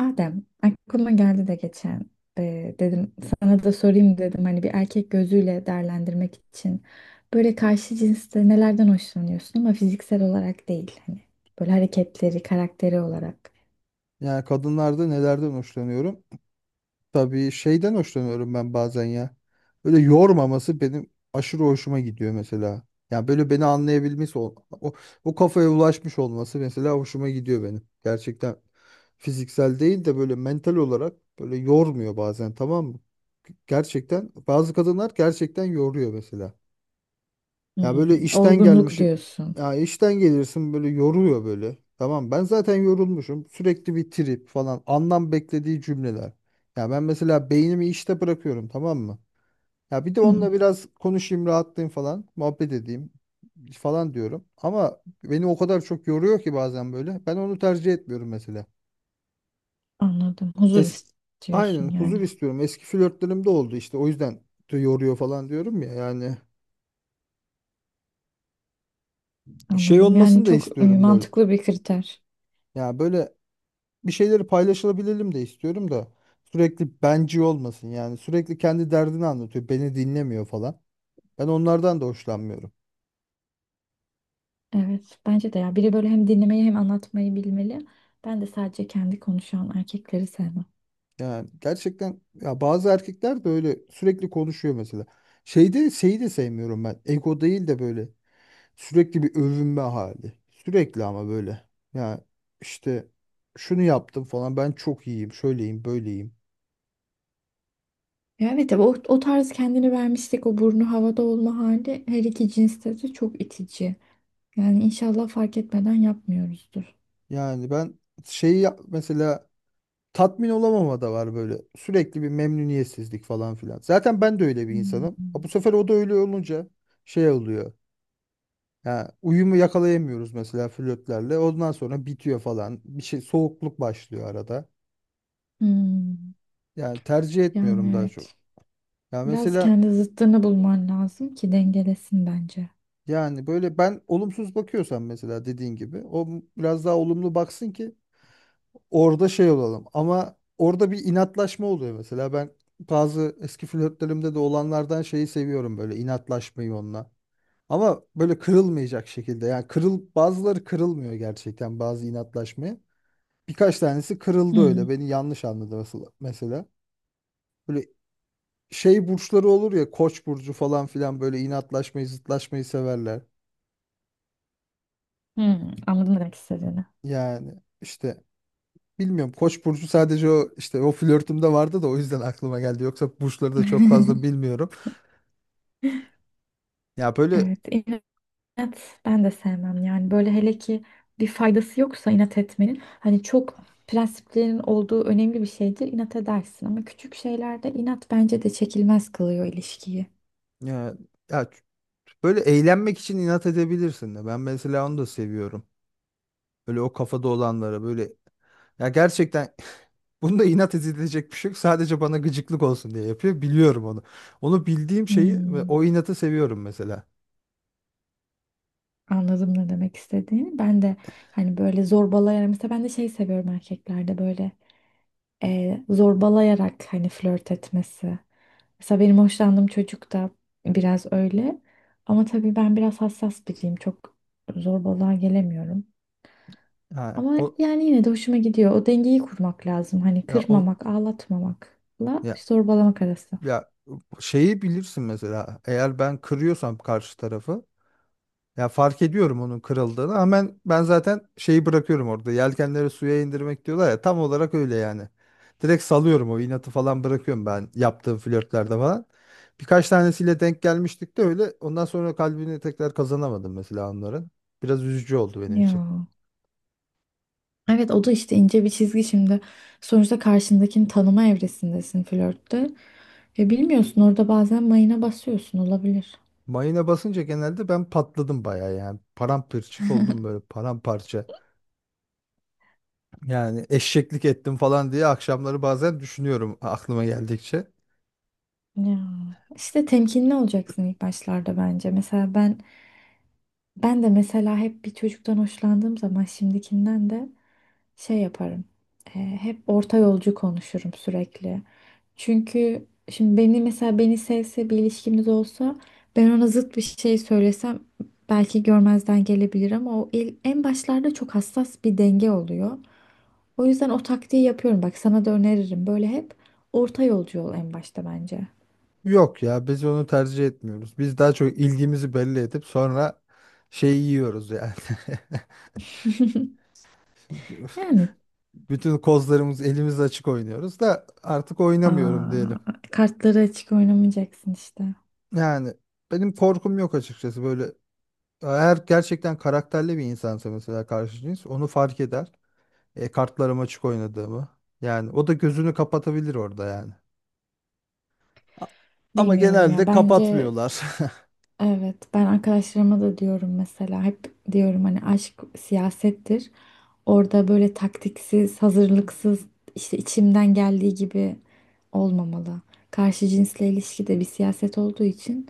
Adem, aklıma geldi de geçen dedim sana da sorayım dedim hani bir erkek gözüyle değerlendirmek için böyle karşı cinste nelerden hoşlanıyorsun ama fiziksel olarak değil hani böyle hareketleri, karakteri olarak. Yani kadınlarda nelerden hoşlanıyorum? Tabii şeyden hoşlanıyorum ben bazen ya. Böyle yormaması benim aşırı hoşuma gidiyor mesela. Yani böyle beni anlayabilmesi, o kafaya ulaşmış olması mesela hoşuma gidiyor benim. Gerçekten fiziksel değil de böyle mental olarak böyle yormuyor bazen, tamam mı? Gerçekten bazı kadınlar gerçekten yoruyor mesela. Ya böyle Hmm, işten olgunluk gelmişim. diyorsun. Ya işten gelirsin böyle yoruyor böyle. Tamam, ben zaten yorulmuşum. Sürekli bir trip falan. Anlam beklediği cümleler. Ya ben mesela beynimi işte bırakıyorum, tamam mı? Ya bir de Hmm, onunla biraz konuşayım, rahatlayayım falan. Muhabbet edeyim falan diyorum. Ama beni o kadar çok yoruyor ki bazen böyle. Ben onu tercih etmiyorum mesela. anladım. Huzur Es Aynen istiyorsun huzur yani. istiyorum. Eski flörtlerim de oldu işte. O yüzden de yoruyor falan diyorum ya. Yani şey Anladım. Yani olmasını da çok istiyorum böyle. mantıklı bir kriter. Ya böyle bir şeyleri paylaşılabilelim de istiyorum da sürekli benci olmasın yani, sürekli kendi derdini anlatıyor, beni dinlemiyor falan. Ben onlardan da hoşlanmıyorum. Evet, bence de ya biri böyle hem dinlemeyi hem anlatmayı bilmeli. Ben de sadece kendi konuşan erkekleri sevmem. Yani gerçekten ya bazı erkekler de öyle sürekli konuşuyor mesela. Şeyde şeyi de sevmiyorum ben. Ego değil de böyle sürekli bir övünme hali. Sürekli ama böyle. Yani işte şunu yaptım falan, ben çok iyiyim, şöyleyim, böyleyim. Ya evet, tabii o, o tarz kendini vermiştik, o burnu havada olma hali her iki cinste de çok itici. Yani inşallah fark etmeden yapmıyoruzdur. Yani ben şeyi yap- mesela tatmin olamama da var böyle. Sürekli bir memnuniyetsizlik falan filan. Zaten ben de öyle bir Hmm. insanım. Ha, bu sefer o da öyle olunca şey oluyor. Ya uyumu yakalayamıyoruz mesela flörtlerle. Ondan sonra bitiyor falan. Bir şey soğukluk başlıyor arada. Hmm, Yani tercih etmiyorum yani daha çok. evet. Ya Biraz mesela kendi zıttını bulman lazım ki dengelesin bence. yani böyle ben olumsuz bakıyorsam mesela dediğin gibi o biraz daha olumlu baksın ki orada şey olalım. Ama orada bir inatlaşma oluyor mesela. Ben bazı eski flörtlerimde de olanlardan şeyi seviyorum, böyle inatlaşmayı onunla. Ama böyle kırılmayacak şekilde. Yani kırıl bazıları kırılmıyor gerçekten bazı inatlaşmaya. Birkaç tanesi kırıldı Hmm, öyle. Beni yanlış anladı mesela. Böyle şey burçları olur ya, Koç burcu falan filan, böyle inatlaşmayı, zıtlaşmayı severler. hmm, anladım ne demek istediğini. Yani işte bilmiyorum. Koç burcu sadece o işte o flörtümde vardı da o yüzden aklıma geldi. Yoksa burçları da çok fazla bilmiyorum. Ya böyle Evet. Evet, ben de sevmem yani böyle hele ki bir faydası yoksa inat etmenin, hani çok prensiplerin olduğu önemli bir şeydir, inat edersin, ama küçük şeylerde inat bence de çekilmez kılıyor ilişkiyi. ya, ya, böyle eğlenmek için inat edebilirsin de. Ben mesela onu da seviyorum. Böyle o kafada olanlara böyle ya gerçekten bunda inat edilecek bir şey yok. Sadece bana gıcıklık olsun diye yapıyor. Biliyorum onu. Onu bildiğim şeyi ve Hmm, o inatı seviyorum mesela. anladım ne demek istediğini. Ben de hani böyle zorbalayarak, mesela ben de şey seviyorum erkeklerde, böyle zorbalayarak hani flört etmesi. Mesela benim hoşlandığım çocuk da biraz öyle. Ama tabii ben biraz hassas biriyim. Çok zorbalığa gelemiyorum. Ha, Ama o yani yine de hoşuma gidiyor. O dengeyi kurmak lazım. Hani ya on kırmamak, ağlatmamakla ya zorbalamak arası. ya şeyi bilirsin mesela. Eğer ben kırıyorsam karşı tarafı, ya fark ediyorum onun kırıldığını. Hemen ben zaten şeyi bırakıyorum orada. Yelkenleri suya indirmek diyorlar ya, tam olarak öyle yani. Direkt salıyorum, o inatı falan bırakıyorum ben yaptığım flörtlerde falan. Birkaç tanesiyle denk gelmiştik de öyle. Ondan sonra kalbini tekrar kazanamadım mesela onların. Biraz üzücü oldu benim için. Ya. Evet, o da işte ince bir çizgi şimdi. Sonuçta karşındakini tanıma evresindesin flörtte. Ve bilmiyorsun, orada bazen mayına basıyorsun, olabilir. Mayına basınca genelde ben patladım bayağı yani. Paramparçık oldum böyle, paramparça. Yani eşeklik ettim falan diye akşamları bazen düşünüyorum aklıma geldikçe. Ya işte temkinli olacaksın ilk başlarda bence. Mesela ben ben de mesela hep bir çocuktan hoşlandığım zaman şimdikinden de şey yaparım. Hep orta yolcu konuşurum sürekli. Çünkü şimdi beni mesela, beni sevse bir ilişkimiz olsa, ben ona zıt bir şey söylesem belki görmezden gelebilir, ama en başlarda çok hassas bir denge oluyor. O yüzden o taktiği yapıyorum. Bak sana da öneririm. Böyle hep orta yolcu ol en başta bence. Yok ya, biz onu tercih etmiyoruz. Biz daha çok ilgimizi belli edip sonra şeyi yiyoruz yani. Yani. Bütün kozlarımız elimiz açık oynuyoruz da artık oynamıyorum Aa, diyelim. kartları açık oynamayacaksın işte. Yani benim korkum yok açıkçası böyle. Eğer gerçekten karakterli bir insansa mesela karşı cins onu fark eder. Kartlarım açık oynadığımı. Yani o da gözünü kapatabilir orada yani. A- Ama Bilmiyorum ya. genelde Bence kapatmıyorlar. evet. Ben arkadaşlarıma da diyorum mesela. Hep diyorum hani aşk siyasettir. Orada böyle taktiksiz, hazırlıksız, işte içimden geldiği gibi olmamalı. Karşı cinsle ilişki de bir siyaset olduğu için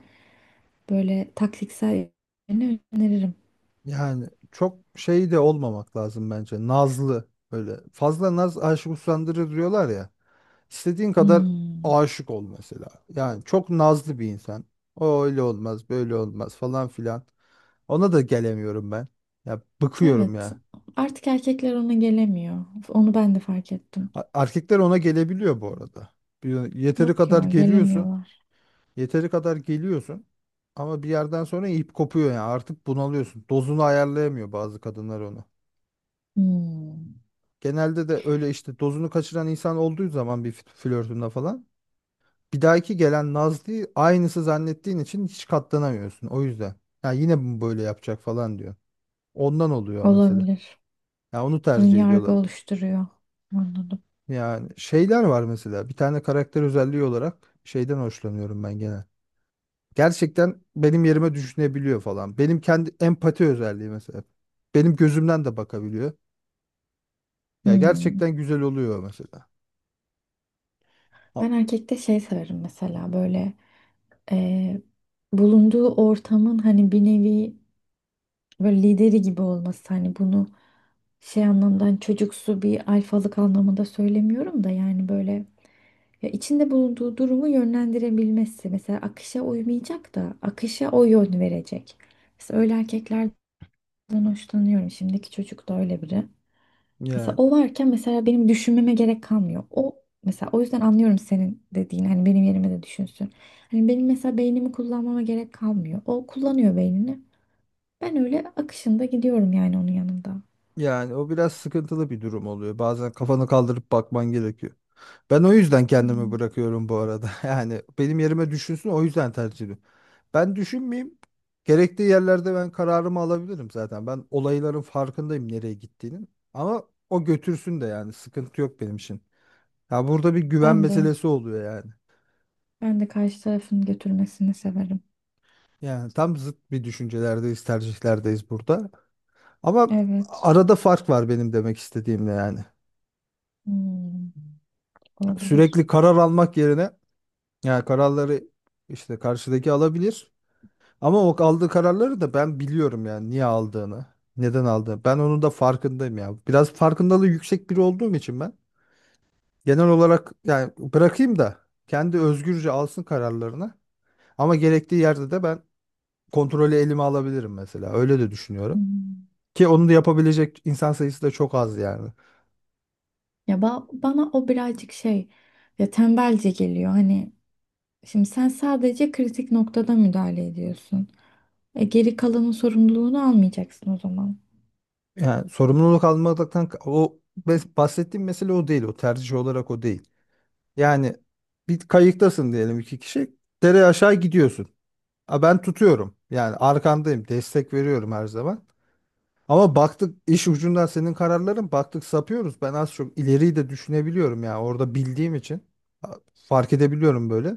böyle taktiksel yönünü öneririm. Yani çok şey de olmamak lazım bence. Nazlı böyle. Fazla naz aşık usandırır diyorlar ya. İstediğin kadar Hmm. aşık ol mesela. Yani çok nazlı bir insan. O öyle olmaz, böyle olmaz falan filan. Ona da gelemiyorum ben. Ya bıkıyorum Evet. ya. Artık erkekler ona gelemiyor. Onu ben de fark ettim. Erkekler ona gelebiliyor bu arada. Yeteri Yok kadar ya, geliyorsun. gelemiyorlar. Yeteri kadar geliyorsun. Ama bir yerden sonra ip kopuyor yani. Artık bunalıyorsun. Dozunu ayarlayamıyor bazı kadınlar onu. Hmm. Genelde de öyle işte, dozunu kaçıran insan olduğu zaman bir flörtünde falan, bir dahaki gelen Nazlı'yı aynısı zannettiğin için hiç katlanamıyorsun. O yüzden. Ya yine mi böyle yapacak falan diyor. Ondan oluyor mesela. Olabilir. Ya onu Ön tercih yargı ediyorlar. oluşturuyor. Anladım. Yani şeyler var mesela. Bir tane karakter özelliği olarak şeyden hoşlanıyorum ben genel. Gerçekten benim yerime düşünebiliyor falan. Benim kendi empati özelliği mesela. Benim gözümden de bakabiliyor. Ya Hmm. gerçekten güzel oluyor mesela. Ha, Ben erkekte şey severim, mesela böyle e, bulunduğu ortamın hani bir nevi böyle lideri gibi olması, hani bunu şey anlamdan, çocuksu bir alfalık anlamında söylemiyorum da, yani böyle ya içinde bulunduğu durumu yönlendirebilmesi, mesela akışa uymayacak da akışa o yön verecek. Mesela öyle erkeklerden hoşlanıyorum. Şimdiki çocuk da öyle biri. Mesela Ya o varken mesela benim düşünmeme gerek kalmıyor. O mesela, o yüzden anlıyorum senin dediğin hani benim yerime de düşünsün. Hani benim mesela beynimi kullanmama gerek kalmıyor. O kullanıyor beynini. Ben öyle akışında gidiyorum yani onun yanında. Yani o biraz sıkıntılı bir durum oluyor. Bazen kafanı kaldırıp bakman gerekiyor. Ben o yüzden kendimi Hmm. bırakıyorum bu arada. Yani benim yerime düşünsün, o yüzden tercih ediyorum. Ben düşünmeyeyim. Gerektiği yerlerde ben kararımı alabilirim zaten. Ben olayların farkındayım, nereye gittiğinin. Ama o götürsün de yani sıkıntı yok benim için. Ya burada bir güven Ben de meselesi oluyor yani. ben de karşı tarafın götürmesini severim. Yani tam zıt bir düşüncelerdeyiz, tercihlerdeyiz burada. Ama Evet. arada fark var benim demek istediğimle yani. Hmm. Sürekli Olabilir. karar almak yerine yani kararları işte karşıdaki alabilir. Ama o aldığı kararları da ben biliyorum, yani niye aldığını, neden aldığını. Ben onun da farkındayım ya. Biraz farkındalığı yüksek biri olduğum için ben genel olarak yani bırakayım da kendi özgürce alsın kararlarını. Ama gerektiği yerde de ben kontrolü elime alabilirim mesela. Öyle de düşünüyorum. Hmm. Ki onu da yapabilecek insan sayısı da çok az yani. Ya ba- bana o birazcık şey, ya tembelce geliyor. Hani şimdi sen sadece kritik noktada müdahale ediyorsun. Geri kalanın sorumluluğunu almayacaksın o zaman. Yani sorumluluk almaktan o bahsettiğim mesele o değil. O tercih olarak o değil. Yani bir kayıktasın diyelim, iki kişi. Dere aşağı gidiyorsun. Ha, ben tutuyorum. Yani arkandayım. Destek veriyorum her zaman. Ama baktık iş ucundan senin kararların baktık sapıyoruz. Ben az çok ileriyi de düşünebiliyorum ya. Orada bildiğim için ha, fark edebiliyorum böyle.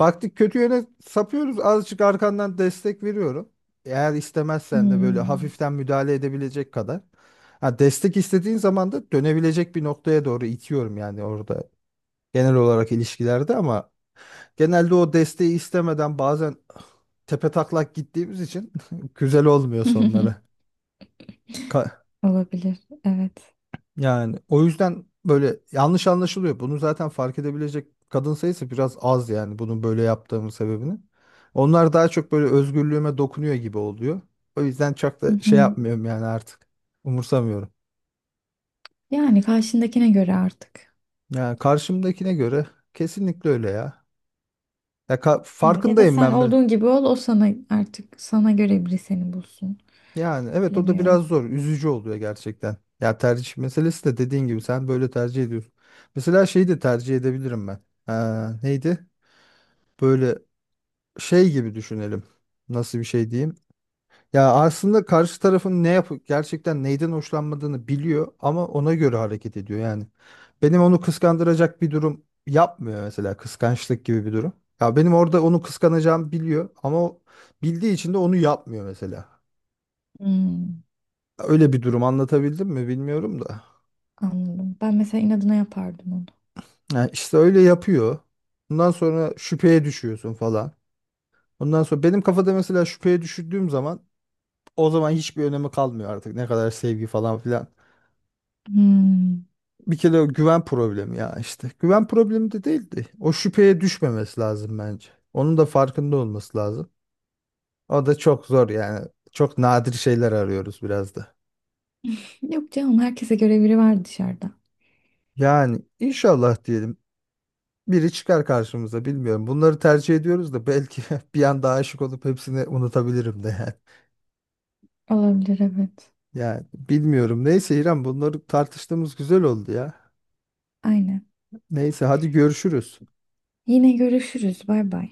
Baktık kötü yöne sapıyoruz. Azıcık arkandan destek veriyorum. Eğer istemezsen de böyle Hmm. hafiften müdahale edebilecek kadar. Ha, destek istediğin zaman da dönebilecek bir noktaya doğru itiyorum yani orada genel olarak ilişkilerde ama genelde o desteği istemeden bazen tepetaklak gittiğimiz için güzel olmuyor sonları. Ka- Olabilir. Evet. Yani o yüzden böyle yanlış anlaşılıyor. Bunu zaten fark edebilecek kadın sayısı biraz az yani, bunun böyle yaptığımın sebebini. Onlar daha çok böyle özgürlüğüme dokunuyor gibi oluyor. O yüzden çok Hı da şey hı. yapmıyorum yani artık. Umursamıyorum. Yani karşındakine göre artık. Yani karşımdakine göre kesinlikle öyle ya. Ya Evet, ya da farkındayım sen ben be. olduğun gibi ol, o sana artık, sana göre biri seni bulsun. Yani evet, o da Bilemiyorum. biraz zor. Üzücü oluyor gerçekten. Ya tercih meselesi de dediğin gibi sen böyle tercih ediyorsun. Mesela şeyi de tercih edebilirim ben. Neydi? Böyle şey gibi düşünelim. Nasıl bir şey diyeyim? Ya aslında karşı tarafın ne yapıp gerçekten neyden hoşlanmadığını biliyor ama ona göre hareket ediyor yani. Benim onu kıskandıracak bir durum yapmıyor mesela, kıskançlık gibi bir durum. Ya benim orada onu kıskanacağımı biliyor ama o bildiği için de onu yapmıyor mesela. Hmm. Öyle bir durum, anlatabildim mi bilmiyorum da. Anladım. Ben mesela inadına yapardım onu. Yani işte öyle yapıyor. Ondan sonra şüpheye düşüyorsun falan. Ondan sonra benim kafada mesela şüpheye düşürdüğüm zaman o zaman hiçbir önemi kalmıyor artık. Ne kadar sevgi falan filan. Hmm. Bir kere o güven problemi ya işte. Güven problemi de değildi. O şüpheye düşmemesi lazım bence. Onun da farkında olması lazım. O da çok zor yani. Çok nadir şeyler arıyoruz biraz da. Yok canım, herkese göre biri var dışarıda. Yani inşallah diyelim. Biri çıkar karşımıza bilmiyorum. Bunları tercih ediyoruz da belki bir anda aşık olup hepsini unutabilirim de yani. Olabilir, evet. Yani bilmiyorum. Neyse İrem, bunları tartıştığımız güzel oldu ya. Aynen. Neyse hadi görüşürüz. Yine görüşürüz. Bay bay.